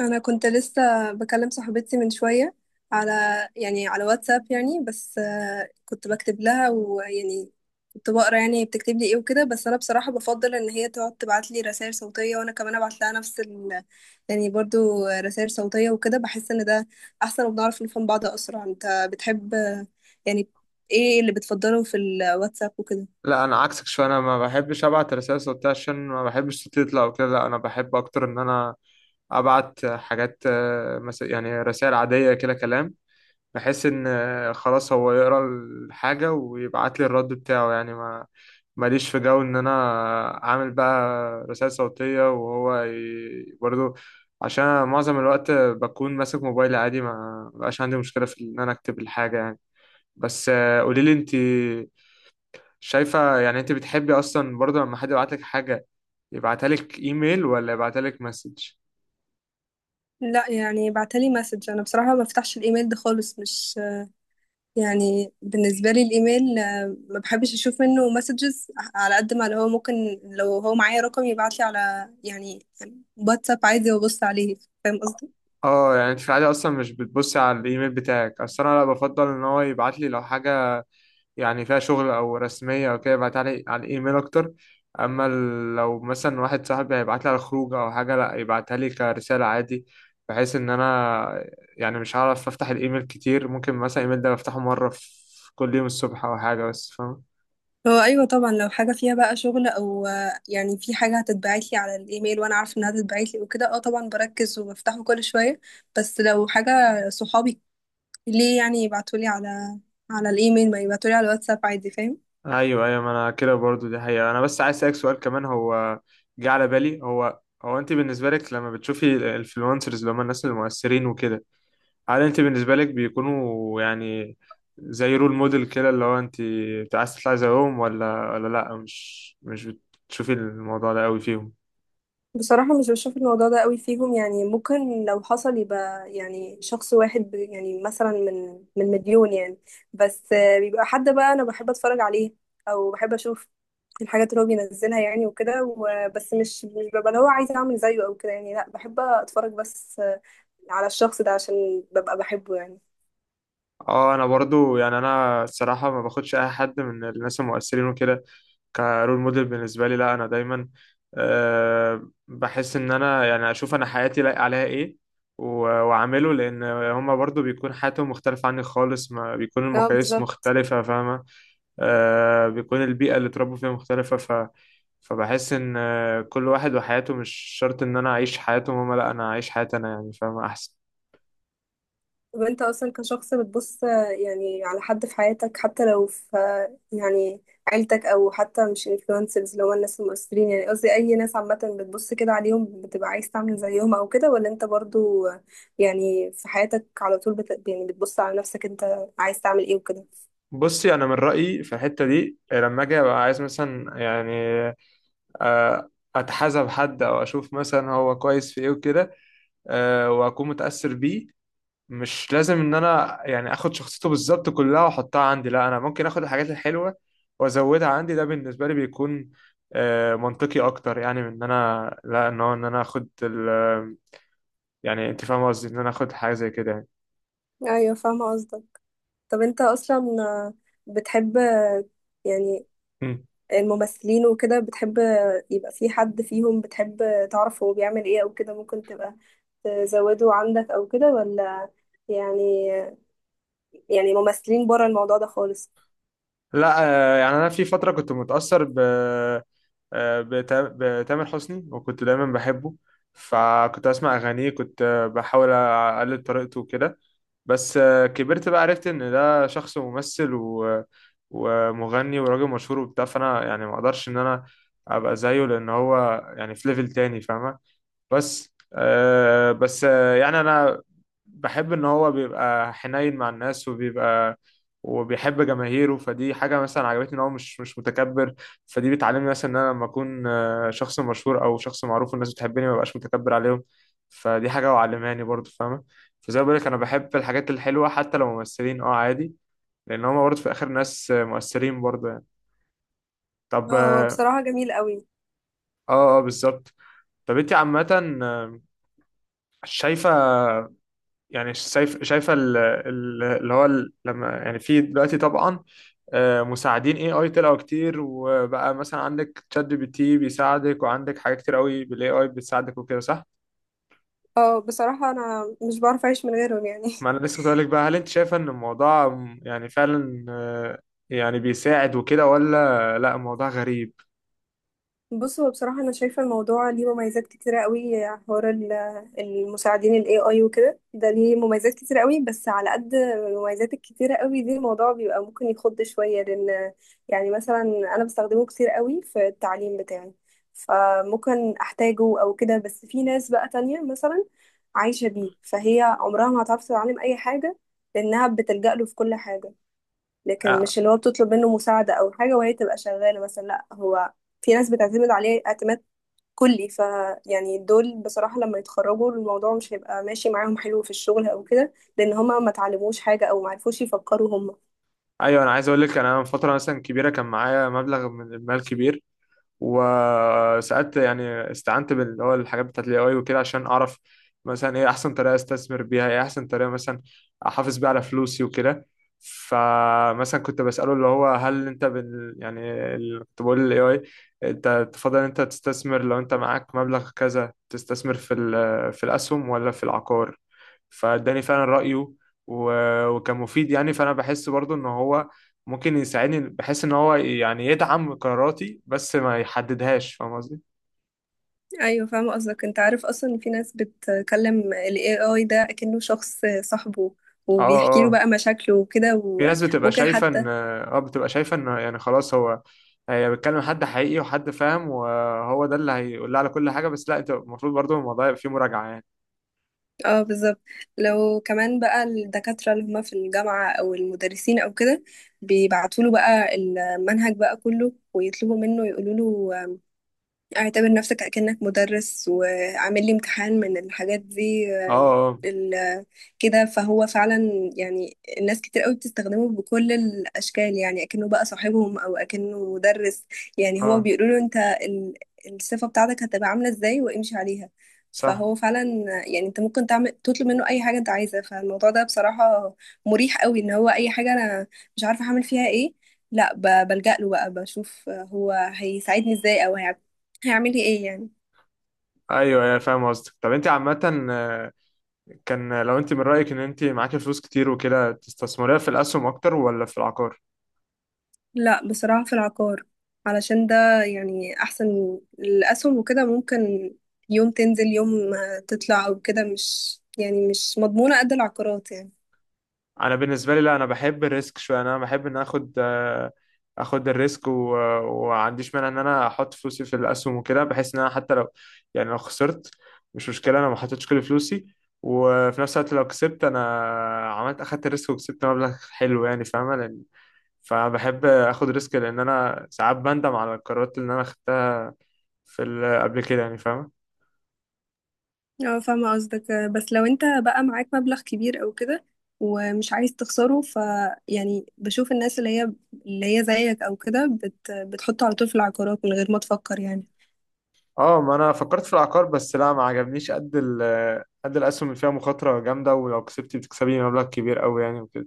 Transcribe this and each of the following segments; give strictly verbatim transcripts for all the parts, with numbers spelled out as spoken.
انا كنت لسه بكلم صاحبتي من شويه على، يعني على واتساب. يعني بس آه، كنت بكتب لها. ويعني كنت بقرا يعني بتكتب لي ايه وكده. بس انا بصراحه بفضل ان هي تقعد تبعت لي رسائل صوتيه، وانا كمان ابعت لها نفس ال، يعني برضو رسائل صوتيه وكده. بحس ان ده احسن وبنعرف نفهم بعض اسرع. انت بتحب آه، يعني ايه اللي بتفضله في الواتساب وكده؟ لا انا عكسك شويه، انا ما بحبش ابعت رسائل صوتيه عشان ما بحبش صوتي يطلع وكده. لا انا بحب اكتر ان انا ابعت حاجات آه، مس- يعني رسائل عاديه كده كلام، بحيث ان آه، خلاص هو يقرا الحاجه ويبعت لي الرد بتاعه، يعني ما ماليش في جو ان انا اعمل بقى رسائل صوتيه وهو ي... برضو، عشان أنا معظم الوقت بكون ماسك موبايلي عادي، ما بقاش عندي مشكله في ان انا اكتب الحاجه يعني. بس قولي لي انت، شايفة يعني انت بتحبي اصلا برضه لما حد يبعت لك حاجة، يبعتها لك ايميل ولا يبعتها لك مسج؟ لا يعني بعتلي مسج. انا بصراحه ما بفتحش الايميل ده خالص. مش يعني بالنسبة لي الإيميل، آه، ما بحبش أشوف منه مسجز. على قد ما اللي هو ممكن لو هو معايا رقم يبعتلي على، يعني واتساب عادي وأبص عليه. فاهم قصدي؟ اه يعني انت في العادة اصلا مش بتبصي على الايميل بتاعك، اصل انا لا بفضل ان هو يبعت لي لو حاجة يعني فيها شغل او رسمية او كده يبعتها لي على الايميل اكتر. اما ال- لو مثلا واحد صاحبي هيبعت لي على الخروج او حاجة، لا يبعتها لي كرسالة عادي، بحيث ان انا يعني مش هعرف افتح الايميل كتير. ممكن مثلا الايميل ده بفتحه مرة في كل يوم الصبح او حاجة، بس فاهم؟ هو أيوة طبعا، لو حاجة فيها بقى شغل أو آه، يعني في حاجة هتتبعتلي على الإيميل وأنا عارفة إنها هتتبعتلي وكده، أه طبعا بركز وبفتحه كل شوية. بس لو حاجة صحابي ليه يعني يبعتولي على على الإيميل؟ ما يبعتولي على الواتساب عادي. فاهم؟ ايوه ايوه، ما انا كده برضو، دي حقيقة. انا بس عايز اسالك سؤال كمان، هو جه على بالي. هو هو انت بالنسبة لك لما بتشوفي الانفلونسرز اللي هم الناس المؤثرين وكده، هل انت بالنسبة لك بيكونوا يعني زي رول موديل كده اللي هو انت عايز تطلعي زيهم، ولا ولا لا، مش مش بتشوفي الموضوع ده قوي فيهم؟ بصراحة مش بشوف الموضوع ده قوي فيهم. يعني ممكن لو حصل يبقى يعني شخص واحد ب- يعني مثلا من من مليون يعني، بس آه، بيبقى حد بقى أنا بحب أتفرج عليه أو بحب أشوف الحاجات اللي هو بينزلها يعني وكده. وبس مش مش ببقى اللي هو عايزة أعمل زيه أو كده يعني. لأ بحب أتفرج بس، آه، على الشخص ده عشان ببقى بحبه يعني. اه انا برضو يعني انا الصراحة ما باخدش اي حد من الناس المؤثرين وكده كرول موديل بالنسبة لي. لا أنا دايما أه بحس إن أنا يعني أشوف أنا حياتي لايق عليها إيه و- وأعمله، لأن هما برضو بيكون حياتهم مختلفة عني خالص، ما بيكون اه المقاييس بالظبط. مختلفة، فاهمة؟ أه بيكون البيئة اللي اتربوا فيها مختلفة، ف فبحس إن آه، كل واحد وحياته، مش شرط إن أنا أعيش حياتهم هما، لا أنا أعيش حياتي أنا يعني، فاهمة أحسن؟ طب انت اصلا كشخص بتبص، يعني على حد في حياتك، حتى لو في يعني عيلتك، او حتى مش انفلونسرز اللي هو الناس المؤثرين، يعني قصدي اي ناس عامة، بتبص كده عليهم بتبقى عايز تعمل زيهم او كده؟ ولا انت برضو يعني في حياتك على طول بت... يعني بتبص على نفسك انت عايز تعمل ايه وكده؟ بصي، أنا من رأيي في الحتة دي، لما أجي أبقى عايز مثلا يعني آه، اتحاسب حد او اشوف مثلا هو كويس في ايه وكده، آه، واكون متاثر بيه، مش لازم ان انا يعني اخد شخصيته بالظبط كلها واحطها عندي. لا انا ممكن اخد الحاجات الحلوه وازودها عندي، ده بالنسبه لي بيكون آه، منطقي اكتر، يعني من ان انا لا ان هو ان انا اخد ال يعني، انت فاهم قصدي، ان انا اخد حاجه زي كده. ايوه فاهمة قصدك. طب انت اصلا بتحب، يعني، يعني الممثلين وكده؟ بتحب يبقى في حد فيهم بتحب تعرف هو بيعمل ايه او كده، ممكن تبقى تزوده عندك او كده؟ ولا يعني، يعني ممثلين بره الموضوع ده خالص؟ لا آه، يعني انا في فتره كنت متاثر ب آه، بتا- بتامر حسني، وكنت دايما بحبه، فكنت اسمع اغانيه، كنت آه، بحاول اقلد طريقته وكده. بس آه، كبرت بقى، عرفت ان ده شخص ممثل و... ومغني وراجل مشهور وبتاع، فانا يعني ما اقدرش ان انا ابقى زيه، لان هو يعني في ليفل تاني، فاهمه؟ بس آه بس آه يعني انا بحب ان هو بيبقى حنين مع الناس، وبيبقى وبيحب جماهيره، فدي حاجة مثلا عجبتني، ان هو مش مش متكبر. فدي بتعلمني مثلا ان انا لما اكون آه، شخص مشهور او شخص معروف والناس بتحبني، ما بقاش متكبر عليهم. فدي حاجة وعلماني برضو، فاهمة؟ فزي ما بقولك، انا بحب الحاجات الحلوة حتى لو ممثلين، اه عادي، لان هما برضو في الاخر ناس آه، مؤثرين برضو يعني. طب اه هو اه، بصراحة جميل قوي. اه آه، بالظبط. طب انت عامة آه، شايفة يعني، شايف شايفه ال- ال- اللي هو ال- لما يعني في دلوقتي طبعا آه، مساعدين اي اي طلعوا كتير، وبقى مثلا عندك شات جي بي تي بيساعدك، وعندك حاجات كتير قوي بالاي اي بتساعدك وكده، صح؟ اه بصراحة انا مش بعرف اعيش من غيرهم يعني. ما انا لسه كنت هقولك بقى، هل انت شايفه ان الموضوع م- يعني فعلا آه، يعني بيساعد وكده، ولا لا الموضوع غريب؟ بص، هو بصراحة أنا شايفة الموضوع ليه مميزات كتيرة قوي. حوار ال- المساعدين ال A I وكده، ده ليه مميزات كتيرة قوي. بس على قد المميزات الكتيرة قوي دي، الموضوع بيبقى ممكن يخض شوية، لأن يعني مثلا أنا بستخدمه كتير قوي في التعليم بتاعي، فممكن أحتاجه أو كده. بس في ناس بقى تانية مثلا عايشة بيه، فهي عمرها ما هتعرف تتعلم أي حاجة لأنها بتلجأ له في كل حاجة. لكن آه، مش اللي هو بتطلب منه مساعدة أو حاجة وهي تبقى شغالة مثلا، لأ هو، في ناس بتعتمد عليه اعتماد كلي. ف يعني دول بصراحة لما يتخرجوا الموضوع مش هيبقى ماشي معاهم حلو في الشغل أو كده، لأن هما ما تعلموش حاجة أو ما عرفوش يفكروا هما. ايوه، انا عايز اقول لك، انا من فتره مثلا كبيره كان معايا مبلغ من المال كبير، وساعات يعني استعنت باللي هو الحاجات بتاعت الاي اي وكده، عشان اعرف مثلا ايه احسن طريقه استثمر بيها، ايه احسن طريقه مثلا احافظ بيها على فلوسي وكده. فمثلا كنت بساله، اللي هو هل انت بال يعني ال- كنت بقول للاي اي انت تفضل، انت تستثمر لو انت معاك مبلغ كذا تستثمر في ال- في الاسهم ولا في العقار؟ فاداني فعلا رايه و- وكان مفيد يعني، فانا بحس برضو ان هو ممكن يساعدني، بحيث ان هو يعني يدعم قراراتي بس ما يحددهاش، فاهم قصدي؟ أيوة فاهمة قصدك. أنت عارف أصلا إن في ناس بتكلم ال A I ده أكنه شخص صاحبه، اه، وبيحكي له اه، بقى مشاكله وكده، في ناس بتبقى وممكن شايفه حتى، ان اه بتبقى شايفه ان يعني خلاص، هو هي بتكلم حد حقيقي وحد فاهم وهو ده اللي هيقول لها على كل حاجه، بس لا، انت المفروض برضو الموضوع يبقى فيه مراجعه يعني. اه بالظبط. لو كمان بقى الدكاترة اللي هما في الجامعة أو المدرسين أو كده، بيبعتوا له بقى المنهج بقى كله ويطلبوا منه، يقولوا له اعتبر نفسك أكنك مدرس وعامل لي امتحان من الحاجات دي اه، آه، اه، ال- كده. فهو فعلا يعني الناس كتير قوي بتستخدمه بكل الأشكال، يعني أكنه بقى صاحبهم أو أكنه مدرس. يعني هما اه، بيقولوا له أنت ال- الصفة بتاعتك هتبقى عاملة إزاي، وامشي عليها. صح. فهو فعلا يعني أنت ممكن تعمل تطلب منه أي حاجة أنت عايزها. فالموضوع ده بصراحة مريح قوي، إن هو أي حاجة أنا مش عارفة هعمل فيها إيه، لا ب- بلجأ له بقى بشوف هو هيساعدني ازاي او هيعملي ايه يعني. ايوه ايوه فاهم قصدك. طب انت عامه آه، كان لو انت من رايك ان انت معاكي فلوس كتير وكده، تستثمريها في الاسهم اكتر ولا في العقار؟ لا بصراحة في العقار، علشان ده يعني احسن. الاسهم وكده ممكن يوم تنزل يوم ما تطلع او كده. مش يعني مش مضمونة قد العقارات يعني. انا بالنسبه لي لا، انا بحب الريسك شويه، انا بحب ان اخد آه، اخد الريسك و- وما عنديش مانع ان انا احط فلوسي في الاسهم وكده، بحيث ان انا حتى لو يعني لو خسرت، مش مشكله، انا ما حطيتش كل فلوسي، وفي نفس الوقت لو كسبت، انا عملت اخدت الريسك وكسبت مبلغ حلو يعني، فاهمه؟ لان فبحب اخد ريسك، لان انا ساعات بندم على القرارات اللي انا خدتها في ال- قبل كده يعني، فاهمه؟ اه فاهمة قصدك. بس لو انت بقى معاك مبلغ كبير او كده ومش عايز تخسره، ف يعني بشوف الناس اللي هي اللي هي زيك او كده بت... بتحطه على طول في العقارات من غير ما تفكر يعني. اه ما انا فكرت في العقار، بس لا ما عجبنيش قد ال قد الاسهم، اللي فيها مخاطره جامده، ولو كسبتي بتكسبي مبلغ كبير قوي يعني وكده.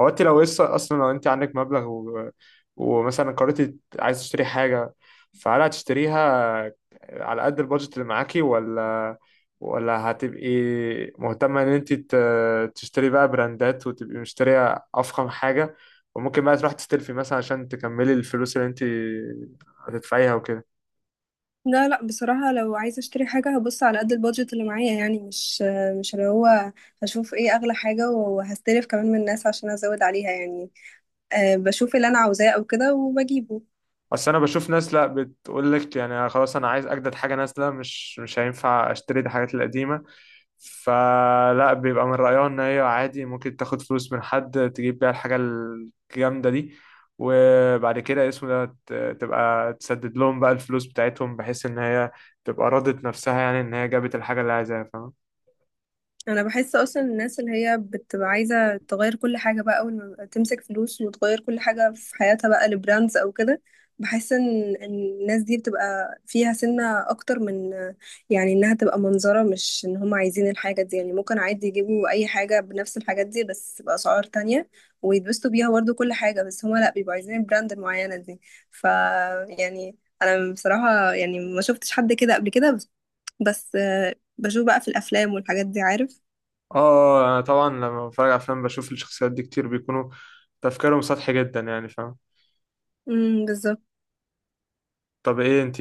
هو انت لو لسه اصلا لو انت عندك مبلغ و... ومثلا قررتي عايز تشتري حاجه، فهل هتشتريها على قد البادجت اللي معاكي، ولا ولا هتبقي مهتمه ان انت ت... تشتري بقى براندات وتبقي مشتريه افخم حاجه، وممكن بقى تروح تستلفي مثلا عشان تكملي الفلوس اللي انت هتدفعيها وكده؟ لا لا بصراحة لو عايزة اشتري حاجة هبص على قد البادجت اللي معايا يعني. مش مش اللي هو هشوف ايه اغلى حاجة وهستلف كمان من الناس عشان ازود عليها يعني. أه بشوف اللي انا عاوزاه او كده وبجيبه. بس انا بشوف ناس لا بتقول لك يعني خلاص انا عايز اجدد، حاجه نازله، مش مش هينفع اشتري الحاجات القديمه، فلا بيبقى من رايها ان هي عادي ممكن تاخد فلوس من حد تجيب بيها الحاجه الجامده دي، وبعد كده اسمه ده ت- تبقى تسدد لهم بقى الفلوس بتاعتهم، بحيث ان هي تبقى راضت نفسها يعني ان هي جابت الحاجه اللي عايزاها، فاهم؟ انا بحس اصلا الناس اللي هي بتبقى عايزه تغير كل حاجه بقى، اول ما تمسك فلوس وتغير كل حاجه في حياتها بقى لبراندز او كده، بحس ان إن الناس دي بتبقى فيها سنه اكتر من، يعني انها تبقى منظره، مش ان هم عايزين الحاجه دي. يعني ممكن عادي يجيبوا اي حاجه بنفس الحاجات دي بس باسعار تانية ويتبسطوا بيها برضه كل حاجه. بس هم لا بيبقوا عايزين البراند المعينه دي. ف يعني انا بصراحه يعني ما شفتش حد كده قبل كده، بس بس آه، بشوف بقى في الافلام والحاجات دي، عارف. اه انا طبعا لما بتفرج على افلام بشوف الشخصيات دي كتير بيكونوا تفكيرهم سطحي جدا يعني، فاهم؟ امم بالظبط. طب ايه، انت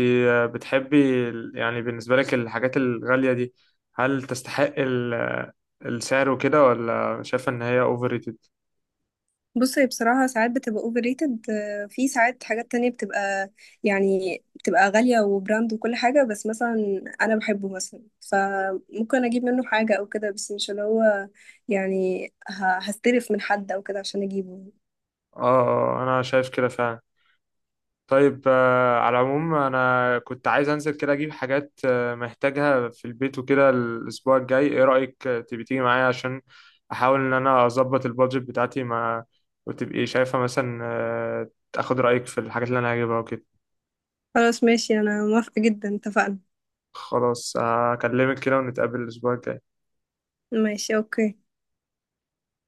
بتحبي ال- يعني بالنسبة لك الحاجات الغالية دي، هل تستحق ال- السعر وكده، ولا شايفة ان هي اوفر ريتد؟ بص هي بصراحة ساعات بتبقى اوفر ريتد، في ساعات حاجات تانية بتبقى يعني بتبقى غالية وبراند وكل حاجة، بس مثلا أنا بحبه مثلا فممكن أجيب منه حاجة أو كده. بس مش اللي هو يعني ه- هستلف من حد أو كده عشان أجيبه. اه آه، آه، انا شايف كده فعلا. طيب آه، على العموم انا كنت عايز انزل كده اجيب حاجات آه، محتاجها في البيت وكده الاسبوع الجاي، ايه رأيك آه، تبي تيجي معايا عشان احاول ان انا اظبط البادجت بتاعتي، ما وتبقي شايفة مثلا آه، تاخد رأيك في الحاجات اللي انا هجيبها وكده؟ خلاص ماشي أنا موافقة جدا، اتفقنا. خلاص آه، هكلمك كده ونتقابل الاسبوع الجاي. ماشي أوكي.